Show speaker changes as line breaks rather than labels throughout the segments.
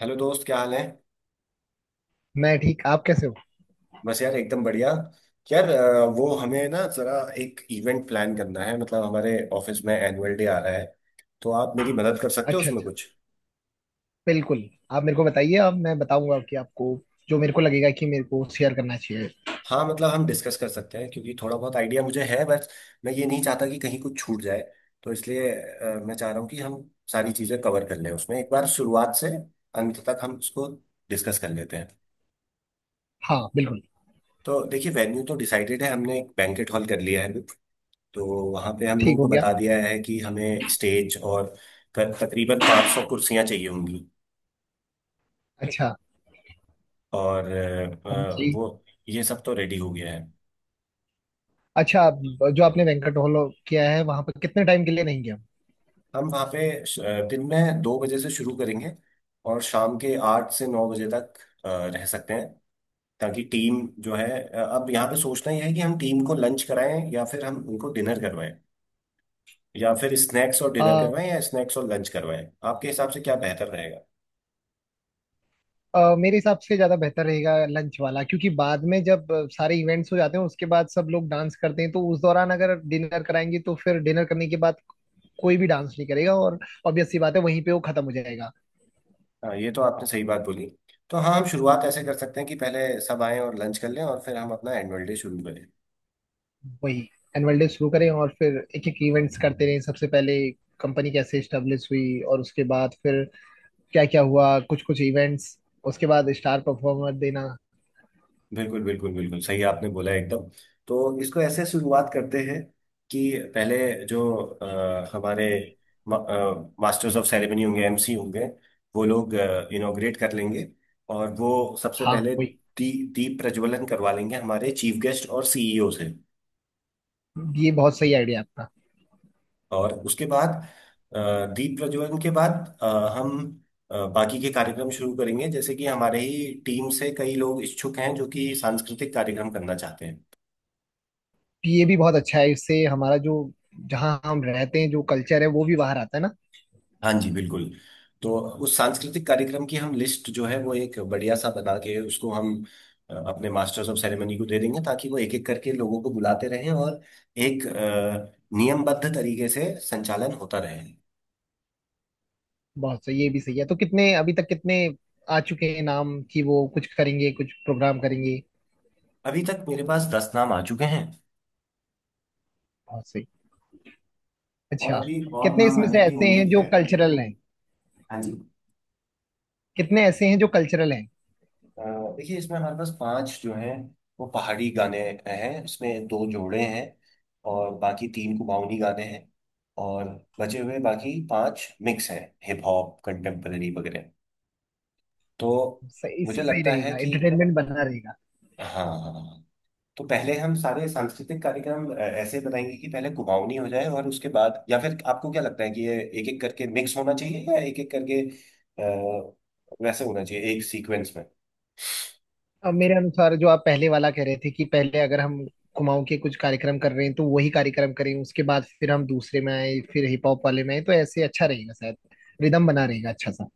Hello दोस्त, क्या हाल है।
मैं ठीक। आप कैसे हो?
बस यार, एकदम बढ़िया। यार, वो हमें ना जरा एक इवेंट प्लान करना है। मतलब हमारे ऑफिस में एनुअल डे आ रहा है। तो आप मेरी मदद कर सकते हो
अच्छा
उसमें
अच्छा।
कुछ।
बिल्कुल। आप मेरे को बताइए, अब मैं बताऊंगा कि आपको जो मेरे को लगेगा कि मेरे को शेयर करना चाहिए।
हाँ, मतलब हम डिस्कस कर सकते हैं, क्योंकि थोड़ा बहुत आइडिया मुझे है बस। मैं ये नहीं चाहता कि कहीं कुछ छूट जाए। तो इसलिए मैं चाह रहा हूँ कि हम सारी चीज़ें कवर कर लें उसमें एक बार शुरुआत से अंत तक हम उसको डिस्कस कर लेते हैं।
हाँ बिल्कुल।
तो देखिए, वेन्यू तो डिसाइडेड है, हमने एक बैंकेट हॉल कर लिया है। तो वहाँ पे हम
ठीक
लोगों
हो
को
गया।
बता दिया है कि हमें स्टेज और तकरीबन 500 कुर्सियाँ चाहिए होंगी।
अच्छा।
और अ, अ,
जी।
वो ये सब तो रेडी हो गया है।
अच्छा, जो आपने बैंक्वेट हॉल किया है वहां पर कितने टाइम के लिए? नहीं गया।
हम वहाँ पे दिन में 2 बजे से शुरू करेंगे और शाम के 8 से 9 बजे तक अ, रह सकते हैं। ताकि टीम जो है, अब यहाँ पे सोचना ही है कि हम टीम को लंच कराएं या फिर हम उनको डिनर करवाएं या फिर स्नैक्स और डिनर
आ,
करवाएं या स्नैक्स और लंच करवाएं, आपके हिसाब से क्या बेहतर रहेगा।
आ, मेरे हिसाब से ज्यादा बेहतर रहेगा लंच वाला, क्योंकि बाद में जब सारे इवेंट्स हो जाते हैं उसके बाद सब लोग डांस करते हैं, तो उस दौरान अगर डिनर कराएंगे तो फिर डिनर करने के बाद कोई भी डांस नहीं करेगा, और ऑब्वियस सी बात है वहीं पे वो खत्म हो जाएगा।
हाँ, ये तो आपने सही बात बोली। तो हाँ, हम शुरुआत ऐसे कर सकते हैं कि पहले सब आएं और लंच कर लें और फिर हम अपना एनुअल डे शुरू करें।
वही एनुअल डे शुरू करें और फिर एक एक इवेंट्स करते रहें। सबसे पहले कंपनी कैसे स्टेब्लिश हुई, और उसके बाद फिर क्या क्या हुआ, कुछ कुछ इवेंट्स, उसके बाद स्टार परफॉर्मर देना।
बिल्कुल, बिल्कुल, बिल्कुल सही आपने बोला, एकदम। तो इसको ऐसे शुरुआत करते हैं कि पहले जो हमारे मास्टर्स ऑफ सेरेमनी होंगे, एमसी होंगे, वो लोग इनॉग्रेट कर लेंगे। और वो सबसे
हाँ
पहले
वही।
दीप प्रज्वलन करवा लेंगे हमारे चीफ गेस्ट और सीईओ से।
ये बहुत सही आइडिया आपका।
और उसके बाद दीप प्रज्वलन के बाद अ, हम बाकी के कार्यक्रम शुरू करेंगे, जैसे कि हमारे ही टीम से कई लोग इच्छुक हैं जो कि सांस्कृतिक कार्यक्रम करना चाहते हैं।
ये भी बहुत अच्छा है, इससे हमारा जो जहाँ हम रहते हैं जो कल्चर है वो भी बाहर आता है ना।
हाँ जी, बिल्कुल। तो उस सांस्कृतिक कार्यक्रम की हम लिस्ट जो है वो एक बढ़िया सा बना के उसको हम अपने मास्टर्स ऑफ सेरेमनी को दे देंगे ताकि वो एक एक करके लोगों को बुलाते रहें और एक नियमबद्ध तरीके से संचालन होता रहे।
बहुत सही। ये भी सही है। तो कितने अभी तक कितने आ चुके हैं नाम कि वो कुछ करेंगे, कुछ प्रोग्राम करेंगे?
अभी तक मेरे पास 10 नाम आ चुके हैं
बहुत सही।
और
अच्छा।
अभी और
कितने
नाम
इसमें
आने
से
की
ऐसे हैं
उम्मीद
जो
है।
कल्चरल हैं?
हाँ जी।
कितने ऐसे हैं जो कल्चरल हैं?
अ, देखिए, इसमें हमारे पास पांच जो हैं, वो पहाड़ी गाने हैं, उसमें दो जोड़े हैं। और बाकी तीन कुमाऊनी गाने हैं। और बचे हुए बाकी पांच मिक्स हैं, हिप हॉप, कंटेम्पररी वगैरह। तो
सही,
मुझे
इससे सही
लगता है
रहेगा,
कि
एंटरटेनमेंट बना रहेगा।
हाँ, हाँ, तो पहले हम सारे सांस्कृतिक कार्यक्रम ऐसे बनाएंगे कि पहले कुमाऊनी हो जाए और उसके बाद, या फिर आपको क्या लगता है कि ये एक एक करके मिक्स होना चाहिए या एक एक करके अ, वैसे होना चाहिए, एक सीक्वेंस में?
अब मेरे अनुसार जो आप पहले वाला कह रहे थे कि पहले अगर हम कुमाऊं के कुछ कार्यक्रम कर रहे हैं तो वही कार्यक्रम करें, उसके बाद फिर हम दूसरे में आए, फिर हिप हॉप वाले में आए, तो ऐसे अच्छा रहेगा शायद, रिदम बना रहेगा अच्छा सा।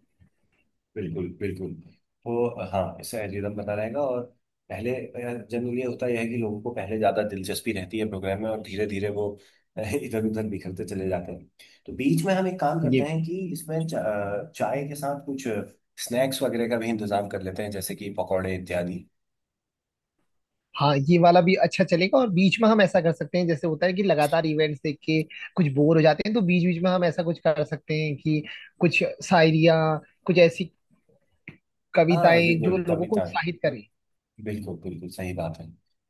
बिल्कुल, बिल्कुल। तो हाँ, इससे एल्गोरिदम बना रहेगा। और पहले जनरली ये होता यह है कि लोगों को पहले ज़्यादा दिलचस्पी रहती है प्रोग्राम में और धीरे धीरे वो इधर उधर बिखरते चले जाते हैं। तो बीच में हम एक काम करते
ये
हैं कि इसमें चाय के साथ कुछ स्नैक्स वगैरह का भी इंतजाम कर लेते हैं, जैसे कि पकौड़े इत्यादि।
हाँ, ये वाला भी अच्छा चलेगा। और बीच में हम ऐसा कर सकते हैं, जैसे होता है कि लगातार इवेंट्स देख के कुछ बोर हो जाते हैं, तो बीच बीच में हम ऐसा कुछ कर सकते हैं कि कुछ शायरिया, कुछ ऐसी
हाँ,
कविताएं जो
बिल्कुल,
लोगों को
कविता,
उत्साहित करें।
बिल्कुल, बिल्कुल सही बात है।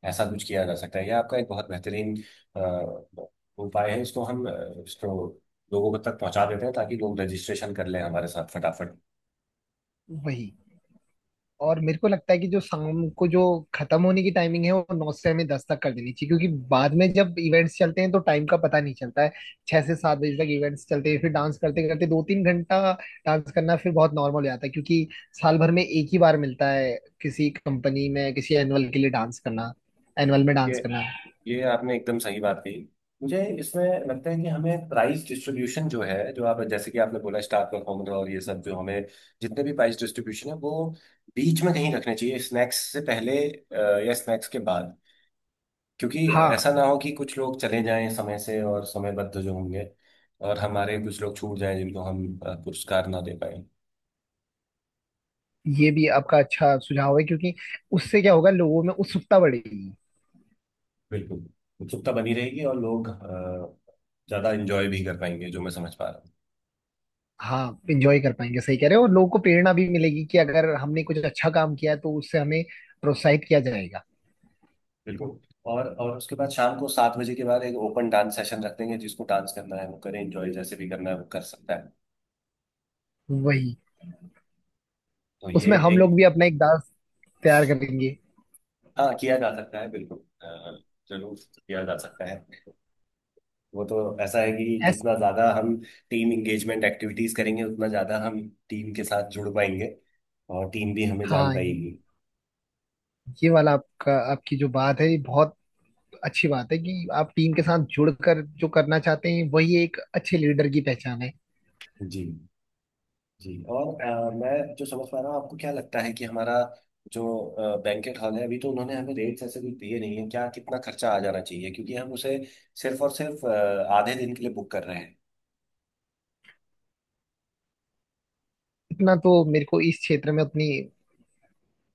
ऐसा कुछ किया जा सकता है। ये आपका एक बहुत बेहतरीन अ, उपाय है। इसको लोगों तक पहुंचा देते हैं ताकि लोग रजिस्ट्रेशन कर लें हमारे साथ फटाफट।
वही। और मेरे को लगता है कि जो शाम को जो खत्म होने की टाइमिंग है वो 9 से हमें 10 तक कर देनी चाहिए, क्योंकि बाद में जब इवेंट्स चलते हैं तो टाइम का पता नहीं चलता है। 6 से 7 बजे तक इवेंट्स चलते हैं, फिर डांस करते करते 2 3 घंटा डांस करना फिर बहुत नॉर्मल हो जाता है, क्योंकि साल भर में एक ही बार मिलता है किसी कंपनी में, किसी एनुअल के लिए डांस करना, एनुअल में
ये
डांस करना।
ये आपने एकदम सही बात कही। मुझे इसमें लगता है कि हमें प्राइस डिस्ट्रीब्यूशन जो है, जो आप, जैसे कि आपने बोला, स्टार परफॉर्मर और ये सब, जो हमें जितने भी प्राइस डिस्ट्रीब्यूशन है वो बीच में कहीं रखने चाहिए, स्नैक्स से पहले या स्नैक्स के बाद। क्योंकि
हाँ
ऐसा ना हो कि कुछ लोग चले जाएं समय से, और समयबद्ध जो होंगे, और हमारे कुछ लोग छूट जाएं जिनको हम पुरस्कार ना दे पाए।
ये भी आपका अच्छा सुझाव है, क्योंकि उससे क्या होगा, लोगों में उत्सुकता बढ़ेगी।
बिल्कुल। उत्सुकता बनी रहेगी और लोग ज्यादा इंजॉय भी कर पाएंगे, जो मैं समझ पा रहा हूँ।
हाँ इंजॉय कर पाएंगे, सही कह रहे हो। और लोगों को प्रेरणा भी मिलेगी कि अगर हमने कुछ अच्छा काम किया है, तो उससे हमें प्रोत्साहित किया जाएगा।
बिल्कुल। और उसके बाद शाम को 7 बजे के बाद एक ओपन डांस सेशन रख देंगे, जिसको डांस करना है वो करे, इंजॉय जैसे भी करना है वो कर सकता है।
वही
तो ये
उसमें हम
एक।
लोग भी अपना एक दांत तैयार करेंगे।
हाँ, किया जा सकता है, बिल्कुल। अ, जरूर किया जा सकता है। वो तो ऐसा है कि
एस।
जितना ज्यादा हम टीम इंगेजमेंट एक्टिविटीज करेंगे, उतना ज्यादा हम टीम के साथ जुड़ पाएंगे और टीम भी हमें जान
हाँ
पाएगी।
ये वाला आपका, आपकी जो बात है ये बहुत अच्छी बात है कि आप टीम के साथ जुड़कर जो करना चाहते हैं वही एक अच्छे लीडर की पहचान है।
जी, जी। और मैं जो समझ पा रहा हूँ, आपको क्या लगता है कि हमारा जो बैंकेट हॉल है, अभी तो उन्होंने हमें रेट्स ऐसे कुछ दिए नहीं है, क्या कितना खर्चा आ जाना चाहिए क्योंकि हम उसे सिर्फ और सिर्फ आधे दिन के लिए बुक कर रहे हैं।
इतना तो मेरे को इस क्षेत्र में अपनी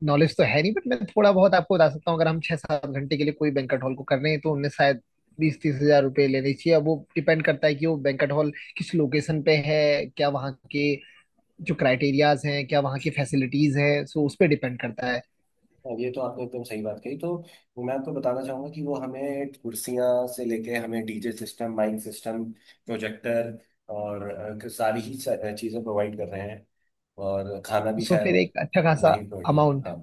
नॉलेज तो है नहीं, बट मैं थोड़ा बहुत आपको बता सकता हूँ। अगर हम 6 7 घंटे के लिए कोई बैंक्वेट हॉल को कर रहे हैं तो उन्हें शायद 20 30 हजार रुपये लेने चाहिए। अब वो डिपेंड करता है कि वो बैंक्वेट हॉल किस लोकेशन पे है, क्या वहाँ के जो क्राइटेरियाज हैं, क्या वहाँ की फैसिलिटीज हैं, सो उस पर डिपेंड करता है।
हाँ, ये तो आपने एकदम सही बात कही। तो मैं आपको बताना चाहूंगा कि वो हमें कुर्सियां से लेके हमें DJ system, mic system, projector और सारी ही चीज़ें प्रोवाइड कर रहे हैं। और खाना भी
सो फिर
शायद
एक अच्छा खासा
वही प्रोवाइड,
अमाउंट,
हाँ।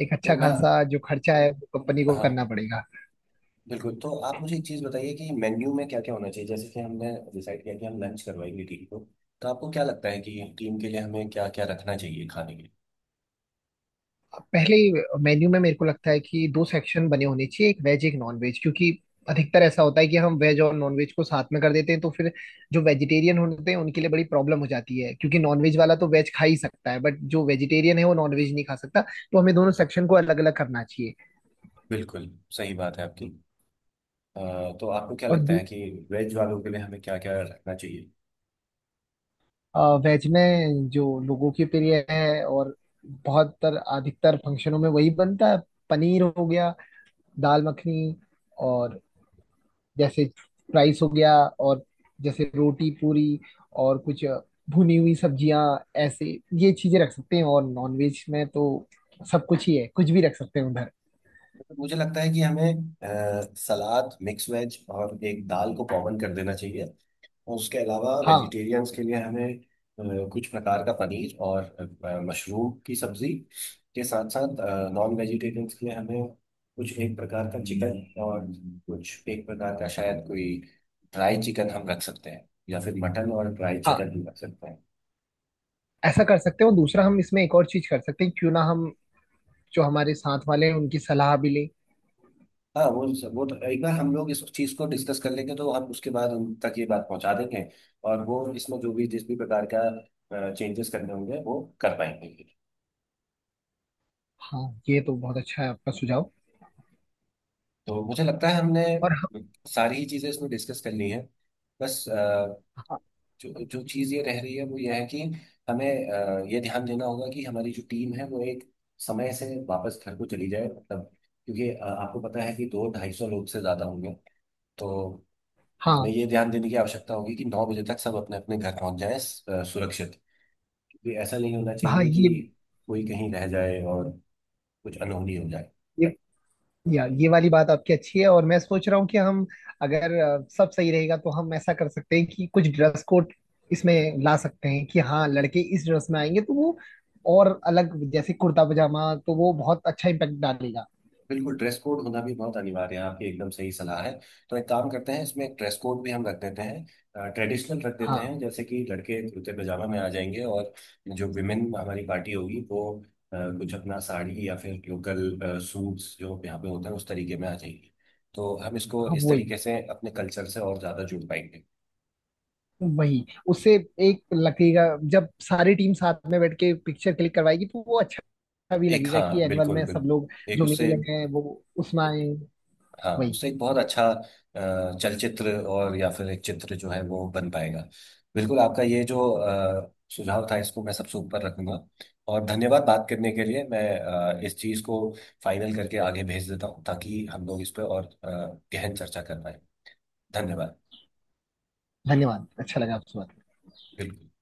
एक
तो
अच्छा
मैं,
खासा जो खर्चा है वो कंपनी को
हाँ,
करना पड़ेगा।
बिल्कुल। तो आप मुझे एक चीज़ बताइए कि मेन्यू में क्या क्या होना चाहिए, जैसे कि हमने डिसाइड किया कि हम लंच करवाएंगे टीम को। तो आपको क्या लगता है कि टीम के लिए हमें क्या क्या रखना चाहिए खाने के।
पहले मेन्यू में मेरे को लगता है कि दो सेक्शन बने होने चाहिए, एक वेज एक नॉन वेज, क्योंकि अधिकतर ऐसा होता है कि हम वेज और नॉन वेज को साथ में कर देते हैं, तो फिर जो वेजिटेरियन होते हैं उनके लिए बड़ी प्रॉब्लम हो जाती है, क्योंकि नॉन वेज वाला तो वेज खा ही सकता है, बट जो वेजिटेरियन है वो नॉन वेज नहीं खा सकता, तो हमें दोनों सेक्शन को अलग अलग करना चाहिए।
बिल्कुल, सही बात है आपकी। अ, तो आपको क्या
और
लगता है कि वेज वालों के लिए हमें क्या क्या रखना चाहिए।
वेज में जो लोगों के प्रिय है, और बहुत तर अधिकतर फंक्शनों में वही बनता है, पनीर हो गया, दाल मखनी, और जैसे राइस हो गया, और जैसे रोटी पूरी, और कुछ भुनी हुई सब्जियां, ऐसे ये चीजें रख सकते हैं। और नॉनवेज में तो सब कुछ ही है, कुछ भी रख सकते हैं उधर।
तो मुझे लगता है कि हमें सलाद, मिक्स वेज और एक दाल को कॉमन कर देना चाहिए। और उसके अलावा
हाँ
वेजिटेरियंस के लिए हमें कुछ प्रकार का पनीर और मशरूम की सब्जी के साथ साथ नॉन वेजिटेरियंस के लिए हमें कुछ एक प्रकार का चिकन और कुछ एक प्रकार का, शायद कोई ड्राई चिकन हम रख सकते हैं, या फिर मटन और ड्राई चिकन
हाँ।
भी रख सकते हैं।
ऐसा कर सकते हैं। और दूसरा हम इसमें एक और चीज कर सकते हैं, क्यों ना हम जो हमारे साथ वाले हैं उनकी सलाह भी लें।
हाँ वो तो एक बार हम लोग इस चीज़ को डिस्कस कर लेंगे तो हम उसके बाद उन तक ये बात पहुंचा देंगे। और वो इसमें जो भी, जिस भी प्रकार का चेंजेस करने होंगे, वो कर पाएंगे।
हाँ। ये तो बहुत अच्छा है आपका सुझाव।
तो मुझे लगता है हमने
और हाँ।
सारी ही चीजें इसमें डिस्कस कर ली हैं। बस,
हाँ
जो जो चीज़ ये रह रही है वो ये है कि हमें ये ध्यान देना होगा कि हमारी जो टीम है वो एक समय से वापस घर को चली जाए, मतलब। क्योंकि आपको पता है कि दो 250 लोग से ज्यादा होंगे। तो हमें
हाँ
ये ध्यान देने की आवश्यकता होगी कि 9 बजे तक सब अपने अपने घर पहुंच जाएं, सुरक्षित। क्योंकि ऐसा नहीं होना
हाँ
चाहिए कि
ये
कोई कहीं रह जाए और कुछ अनहोनी हो जाए।
ये या ये वाली बात आपकी अच्छी है। और मैं सोच रहा हूँ कि हम, अगर सब सही रहेगा तो हम ऐसा कर सकते हैं कि कुछ ड्रेस कोड इसमें ला सकते हैं कि हाँ लड़के इस ड्रेस में आएंगे तो वो और अलग, जैसे कुर्ता पजामा, तो वो बहुत अच्छा इम्पैक्ट डालेगा।
बिल्कुल, ड्रेस कोड होना भी बहुत अनिवार्य है, आपकी एकदम सही सलाह है। तो एक काम करते हैं, इसमें एक ड्रेस कोड भी हम रख देते हैं, ट्रेडिशनल रख देते
हाँ।
हैं, जैसे कि लड़के कुर्ते पजामा में आ जाएंगे। और जो विमेन हमारी पार्टी होगी वो कुछ अपना साड़ी या फिर लोकल सूट्स जो यहाँ पे होते हैं, उस तरीके में आ जाएंगी। तो हम इसको
हाँ
इस
वही।
तरीके से अपने कल्चर से और ज़्यादा जुड़ पाएंगे।
वही उससे एक लगेगा, जब सारी टीम साथ में बैठ के पिक्चर क्लिक करवाएगी तो वो अच्छा भी
एक,
लगेगा कि
हाँ,
एनुअल
बिल्कुल,
में सब
बिल्कुल।
लोग
एक
जो
उससे।
मिले हैं वो उसमें आए।
हाँ,
वही।
उससे एक बहुत अच्छा चलचित्र, और या फिर एक चित्र जो है वो बन पाएगा। बिल्कुल, आपका ये जो सुझाव था, इसको मैं सबसे ऊपर रखूंगा। और धन्यवाद बात करने के लिए। मैं इस चीज़ को फाइनल करके आगे भेज देता हूँ ताकि हम लोग इस पर और गहन चर्चा कर पाए। धन्यवाद।
धन्यवाद, अच्छा लगा आपसे बात।
बिल्कुल।